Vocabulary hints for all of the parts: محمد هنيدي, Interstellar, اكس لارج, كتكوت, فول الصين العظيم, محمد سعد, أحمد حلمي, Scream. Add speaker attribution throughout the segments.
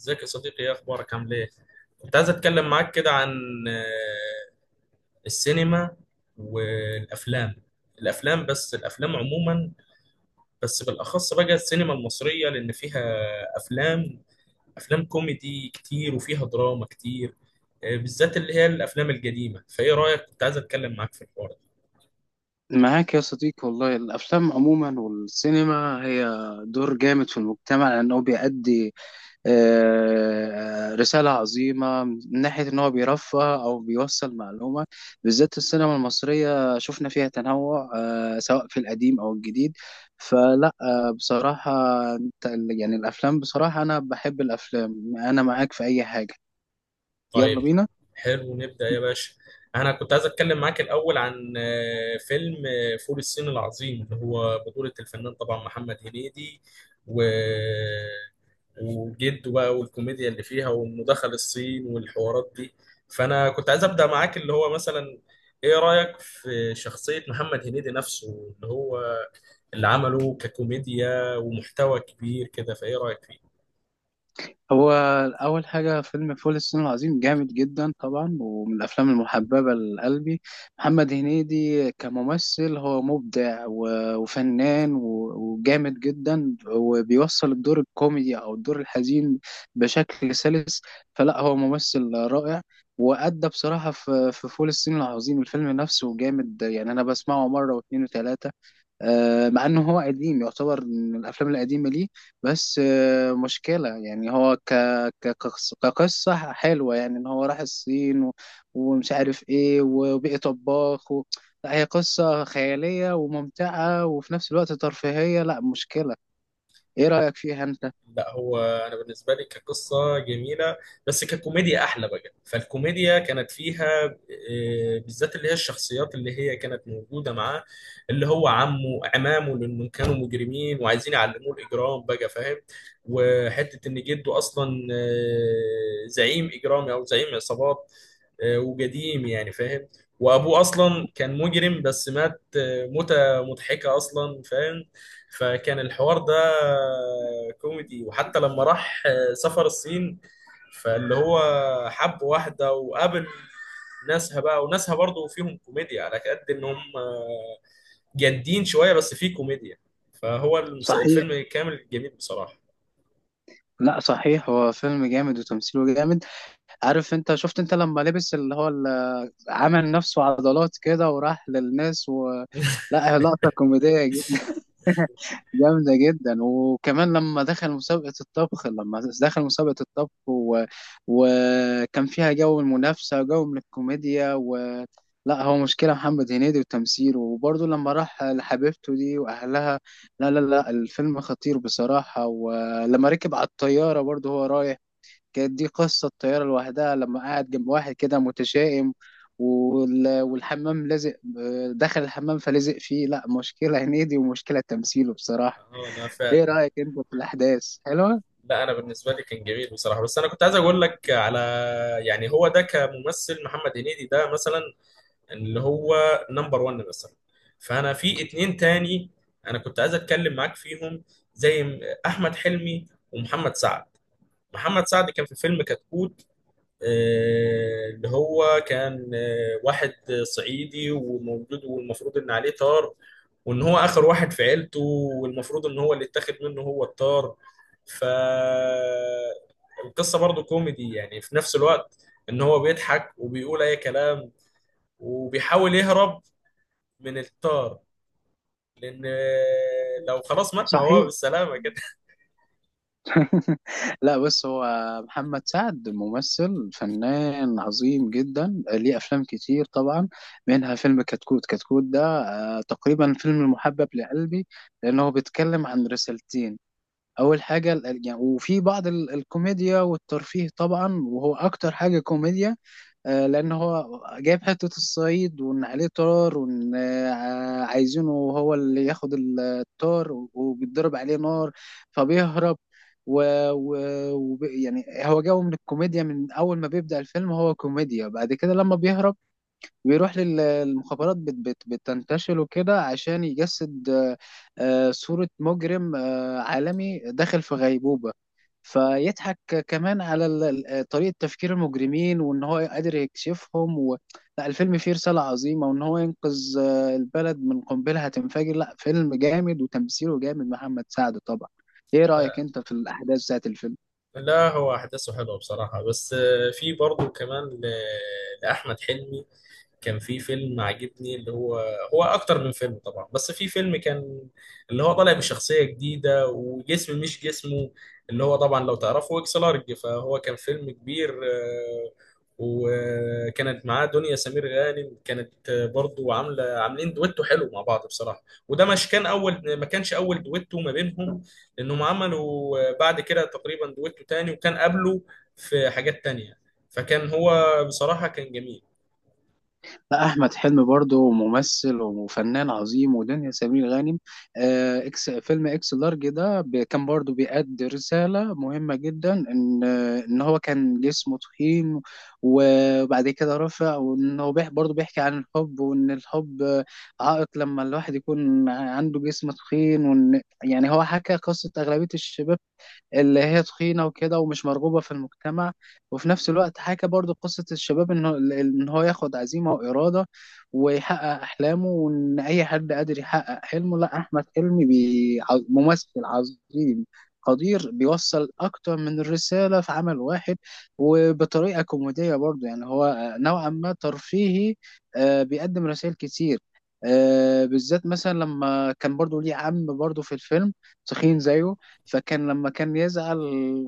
Speaker 1: ازيك يا صديقي، ايه اخبارك عامل ايه؟ كنت عايز اتكلم معاك كده عن آه، السينما والافلام. بس الافلام عموما، بس بالاخص بقى السينما المصرية لان فيها افلام افلام كوميدي كتير وفيها دراما كتير. بالذات اللي هي الافلام القديمة، فايه رايك؟ كنت عايز اتكلم معاك في الحوار.
Speaker 2: معاك يا صديقي، والله الأفلام عموما والسينما هي دور جامد في المجتمع لأنه بيأدي رسالة عظيمة من ناحية إن هو بيرفه أو بيوصل معلومة. بالذات السينما المصرية شفنا فيها تنوع، سواء في القديم أو الجديد. فلا، بصراحة أنت- يعني الأفلام، بصراحة أنا بحب الأفلام، أنا معاك في أي حاجة.
Speaker 1: طيب،
Speaker 2: يلا بينا.
Speaker 1: حلو نبدأ يا باشا. انا كنت عايز اتكلم معاك الاول عن فيلم فول الصين العظيم، اللي هو بطولة الفنان طبعا محمد هنيدي، و وجده بقى، والكوميديا اللي فيها، وانه دخل الصين والحوارات دي. فانا كنت عايز ابدأ معاك اللي هو مثلا، ايه رأيك في شخصية محمد هنيدي نفسه؟ اللي هو اللي عمله ككوميديا ومحتوى كبير كده، فايه رأيك فيه؟
Speaker 2: هو أول حاجة، فيلم فول الصين العظيم جامد جدا طبعا، ومن الأفلام المحببة لقلبي. محمد هنيدي كممثل هو مبدع وفنان وجامد جدا، وبيوصل الدور الكوميدي أو الدور الحزين بشكل سلس. فلا هو ممثل رائع، وأدى بصراحة في فول الصين العظيم. الفيلم نفسه جامد، يعني أنا بسمعه مرة واتنين وتلاتة. مع انه هو قديم، يعتبر من الافلام القديمه. ليه؟ بس مشكله. يعني هو كقصه حلوه، يعني ان هو راح الصين ومش عارف ايه وبقي طباخ لا، هي قصه خياليه وممتعه وفي نفس الوقت ترفيهيه. لا مشكله. ايه رايك فيها انت؟
Speaker 1: لا، هو انا بالنسبه لي كقصه جميله، بس ككوميديا احلى بقى، فالكوميديا كانت فيها بالذات اللي هي الشخصيات اللي هي كانت موجوده معاه، اللي هو عمه عمامه، لانهم كانوا مجرمين وعايزين يعلموه الاجرام بقى، فاهم؟ وحته ان جده اصلا زعيم اجرامي او زعيم عصابات، وقديم يعني، فاهم؟ وابوه اصلا كان مجرم بس مات موتة مضحكه اصلا، فاهم؟ فكان الحوار ده كوميدي، وحتى لما راح سفر الصين، فاللي هو حب واحدة وقابل ناسها بقى، وناسها برضو فيهم كوميديا على قد ان هم جادين شوية بس في كوميديا. فهو
Speaker 2: صحيح.
Speaker 1: الفيلم كامل جميل بصراحة.
Speaker 2: لا صحيح، هو فيلم جامد وتمثيله جامد. عارف انت، شفت انت لما لبس اللي هو عمل نفسه عضلات كده وراح للناس لا هي لقطه كوميديه جامدة جدا. وكمان لما دخل مسابقة الطبخ وكان فيها جو المنافسة وجو من الكوميديا لا هو مشكلة محمد هنيدي وتمثيله. وبرضه لما راح لحبيبته دي وأهلها، لا الفيلم خطير بصراحة. ولما ركب على الطيارة برضه، هو رايح، كانت دي قصة الطيارة لوحدها، لما قعد جنب واحد كده متشائم والحمام لازق، دخل الحمام فلزق فيه. لا مشكلة هنيدي ومشكلة تمثيله بصراحة.
Speaker 1: اه، لا
Speaker 2: ايه
Speaker 1: فعلا.
Speaker 2: رأيك انت في الاحداث؟ حلوة؟
Speaker 1: لا، انا بالنسبة لي كان جميل بصراحة، بس انا كنت عايز اقول لك على، يعني هو ده كممثل محمد هنيدي ده مثلا، اللي هو نمبر 1 مثلا. فانا في اتنين تاني انا كنت عايز اتكلم معاك فيهم، زي احمد حلمي ومحمد سعد. محمد سعد كان في فيلم كتكوت، اللي هو كان واحد صعيدي وموجود، والمفروض ان عليه طار، وان هو اخر واحد في عيلته، والمفروض ان هو اللي اتاخد منه هو الطار. ف القصه برضو كوميدي يعني، في نفس الوقت ان هو بيضحك وبيقول اي كلام، وبيحاول يهرب من الطار، لان لو خلاص مات ما هو
Speaker 2: صحيح.
Speaker 1: بالسلامه كده.
Speaker 2: لا بص، محمد سعد ممثل فنان عظيم جدا، ليه افلام كتير طبعا، منها فيلم كتكوت. كتكوت ده تقريبا الفيلم المحبب لقلبي، لانه بيتكلم عن رسالتين. اول حاجه يعني، وفي بعض الكوميديا والترفيه طبعا، وهو اكتر حاجه كوميديا. لان هو جايب حته الصعيد، وان عليه طار، وان عايزينه هو اللي ياخد الطار، وبيتضرب عليه نار فبيهرب و... و... يعني هو جو من الكوميديا. من اول ما بيبدأ الفيلم هو كوميديا. بعد كده لما بيهرب بيروح للمخابرات، بت بت بتنتشل وكده عشان يجسد صورة مجرم عالمي داخل في غيبوبة. فيضحك كمان على طريقة تفكير المجرمين، وإن هو قادر يكشفهم لا الفيلم فيه رسالة عظيمة، وإن هو ينقذ البلد من قنبلة هتنفجر. لا فيلم جامد وتمثيله جامد، محمد سعد طبعا. إيه رأيك
Speaker 1: لا،
Speaker 2: أنت في الأحداث بتاعت الفيلم؟
Speaker 1: لا هو احداثه حلوه بصراحه، بس في برضه كمان لاحمد حلمي كان في فيلم عاجبني، اللي هو هو اكتر من فيلم طبعا، بس في فيلم كان اللي هو طالع بشخصية جديدة وجسم مش جسمه، اللي هو طبعا لو تعرفه اكس لارج، فهو كان فيلم كبير. وكانت معاه دنيا سمير غانم، كانت برضو عاملة عاملين دويتو حلو مع بعض بصراحة، وده مش كان اول، ما كانش اول دويتو ما بينهم، لانهم عملوا بعد كده تقريبا دويتو تاني، وكان قبله في حاجات تانية، فكان هو بصراحة كان جميل.
Speaker 2: لا احمد حلمي برضه ممثل وفنان عظيم، ودنيا سمير غانم. آه، اكس، فيلم اكس لارج ده كان برضه بيأدي رساله مهمه جدا. ان ان هو كان جسمه تخين وبعد كده رفع، وان هو برضه بيحكي عن الحب، وان الحب عائق لما الواحد يكون عنده جسم تخين. وان يعني هو حكى قصه اغلبيه الشباب اللي هي تخينة وكده ومش مرغوبة في المجتمع. وفي نفس الوقت حكى برضو قصة الشباب، إن هو ياخد عزيمة وإرادة ويحقق أحلامه، وإن أي حد قادر يحقق حلمه. لا أحمد حلمي ممثل عظيم قدير، بيوصل أكتر من الرسالة في عمل واحد، وبطريقة كوميدية برضو. يعني هو نوعا ما ترفيهي، بيقدم رسائل كتير. بالذات مثلا لما كان برضو ليه عم برضو في الفيلم تخين زيه. فكان لما كان يزعل،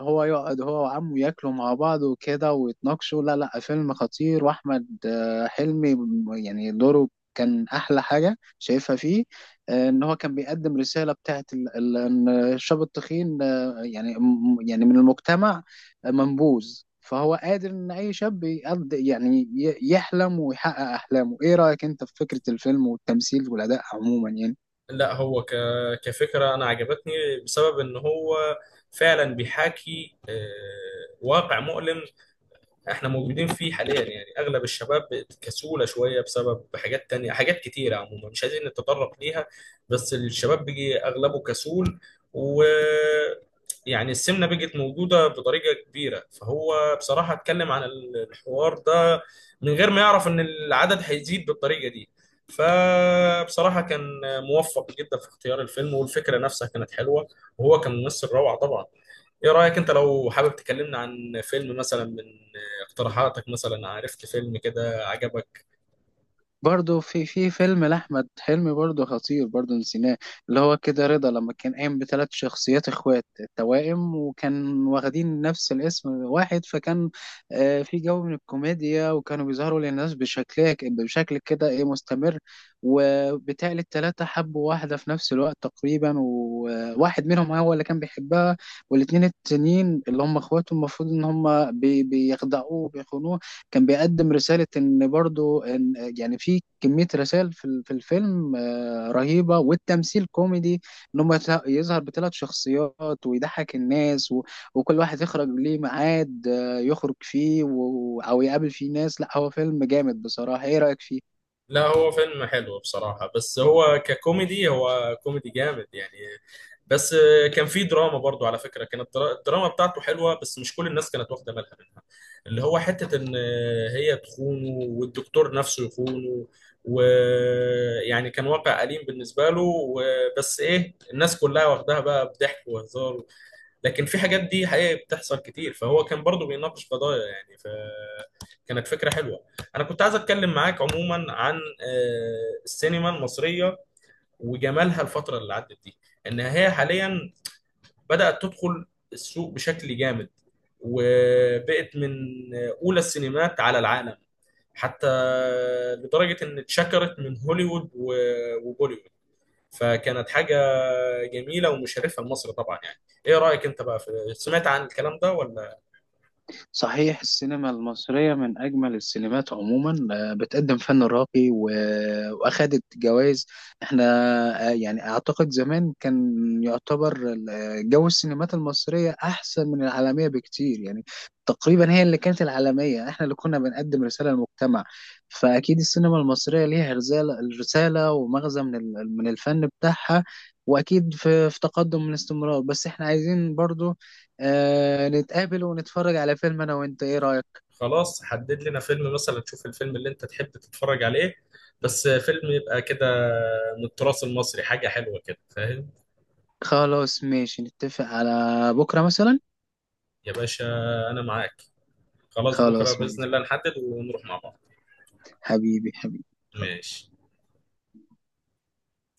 Speaker 2: هو يقعد هو وعمه ياكلوا مع بعض وكده ويتناقشوا. لا فيلم خطير. واحمد حلمي، يعني دوره كان احلى حاجه شايفها فيه. ان هو كان بيقدم رساله بتاعت ان الشاب التخين يعني يعني من المجتمع منبوذ. فهو قادر ان اي شاب يقض، يعني يحلم ويحقق احلامه. ايه رايك انت في فكره الفيلم والتمثيل والاداء عموما، يعني؟
Speaker 1: لا، هو كفكرة أنا عجبتني، بسبب إن هو فعلا بيحاكي واقع مؤلم احنا موجودين فيه حاليا، يعني اغلب الشباب كسولة شوية، بسبب حاجات تانية، حاجات كتيرة عموما مش عايزين نتطرق ليها، بس الشباب بيجي اغلبه كسول، و يعني السمنة بقت موجودة بطريقة كبيرة، فهو بصراحة اتكلم عن الحوار ده، من غير ما يعرف ان العدد هيزيد بالطريقة دي. فبصراحة كان موفق جدا في اختيار الفيلم، والفكرة نفسها كانت حلوة، وهو كان ممثل روعة طبعا. ايه رأيك انت، لو حابب تكلمنا عن فيلم مثلا من اقتراحاتك، مثلا عرفت فيلم كده عجبك؟
Speaker 2: برضه في فيلم لأحمد حلمي برضه خطير برضه نسيناه، اللي هو كده رضا، لما كان قايم بثلاث شخصيات اخوات توائم وكان واخدين نفس الاسم واحد. فكان في جو من الكوميديا، وكانوا بيظهروا للناس بشكل كده ايه مستمر. وبالتالي التلاتة حبوا واحدة في نفس الوقت تقريبا، وواحد منهم هو اللي كان بيحبها، والاتنين التانيين اللي هم اخواته المفروض ان هم بيخدعوه وبيخونوه. كان بيقدم رسالة، إن برضو إن، يعني في كمية رسائل في في الفيلم رهيبة. والتمثيل كوميدي، إن هم يظهر بثلاث شخصيات ويضحك الناس وكل واحد يخرج ليه ميعاد يخرج فيه أو يقابل فيه ناس. لا هو فيلم جامد بصراحة. إيه رأيك فيه؟
Speaker 1: لا، هو فيلم حلو بصراحة، بس هو ككوميدي هو كوميدي جامد يعني، بس كان في دراما برضو على فكرة، كانت الدراما بتاعته حلوة، بس مش كل الناس كانت واخدة بالها منها، اللي هو حتة إن هي تخونه والدكتور نفسه يخونه، ويعني كان واقع أليم بالنسبة له، وبس إيه، الناس كلها واخداها بقى بضحك وهزار، لكن في حاجات دي حقيقة بتحصل كتير، فهو كان برضو بيناقش قضايا يعني، فكانت فكرة حلوة. أنا كنت عايز أتكلم معاك عموما عن السينما المصرية وجمالها، الفترة اللي عدت دي، إن هي حاليا بدأت تدخل السوق بشكل جامد، وبقت من أولى السينمات على العالم، حتى لدرجة إن اتشكرت من هوليوود وبوليوود، فكانت حاجة جميلة ومشرفة لمصر طبعا يعني. ايه رأيك انت بقى، في سمعت عن الكلام ده ولا؟
Speaker 2: صحيح. السينما المصرية من أجمل السينمات عموما، بتقدم فن راقي وأخدت جوائز. احنا يعني أعتقد زمان كان يعتبر جو السينمات المصرية أحسن من العالمية بكتير، يعني تقريبا هي اللي كانت العالمية، احنا اللي كنا بنقدم رسالة للمجتمع. فأكيد السينما المصرية ليها رسالة رسالة ومغزى من الفن بتاعها. وأكيد في تقدم من استمرار. بس احنا عايزين برضو نتقابل ونتفرج على فيلم انا وانت. ايه رأيك؟
Speaker 1: خلاص، حدد لنا فيلم مثلا، تشوف الفيلم اللي انت تحب تتفرج عليه، بس فيلم يبقى كده من التراث المصري، حاجة حلوة كده، فاهم؟
Speaker 2: خلاص ماشي، نتفق على بكرة مثلا.
Speaker 1: يا باشا انا معاك، خلاص بكرة
Speaker 2: خلاص
Speaker 1: بإذن
Speaker 2: ماشي.
Speaker 1: الله نحدد ونروح مع بعض.
Speaker 2: حبيبي حبيبي.
Speaker 1: ماشي.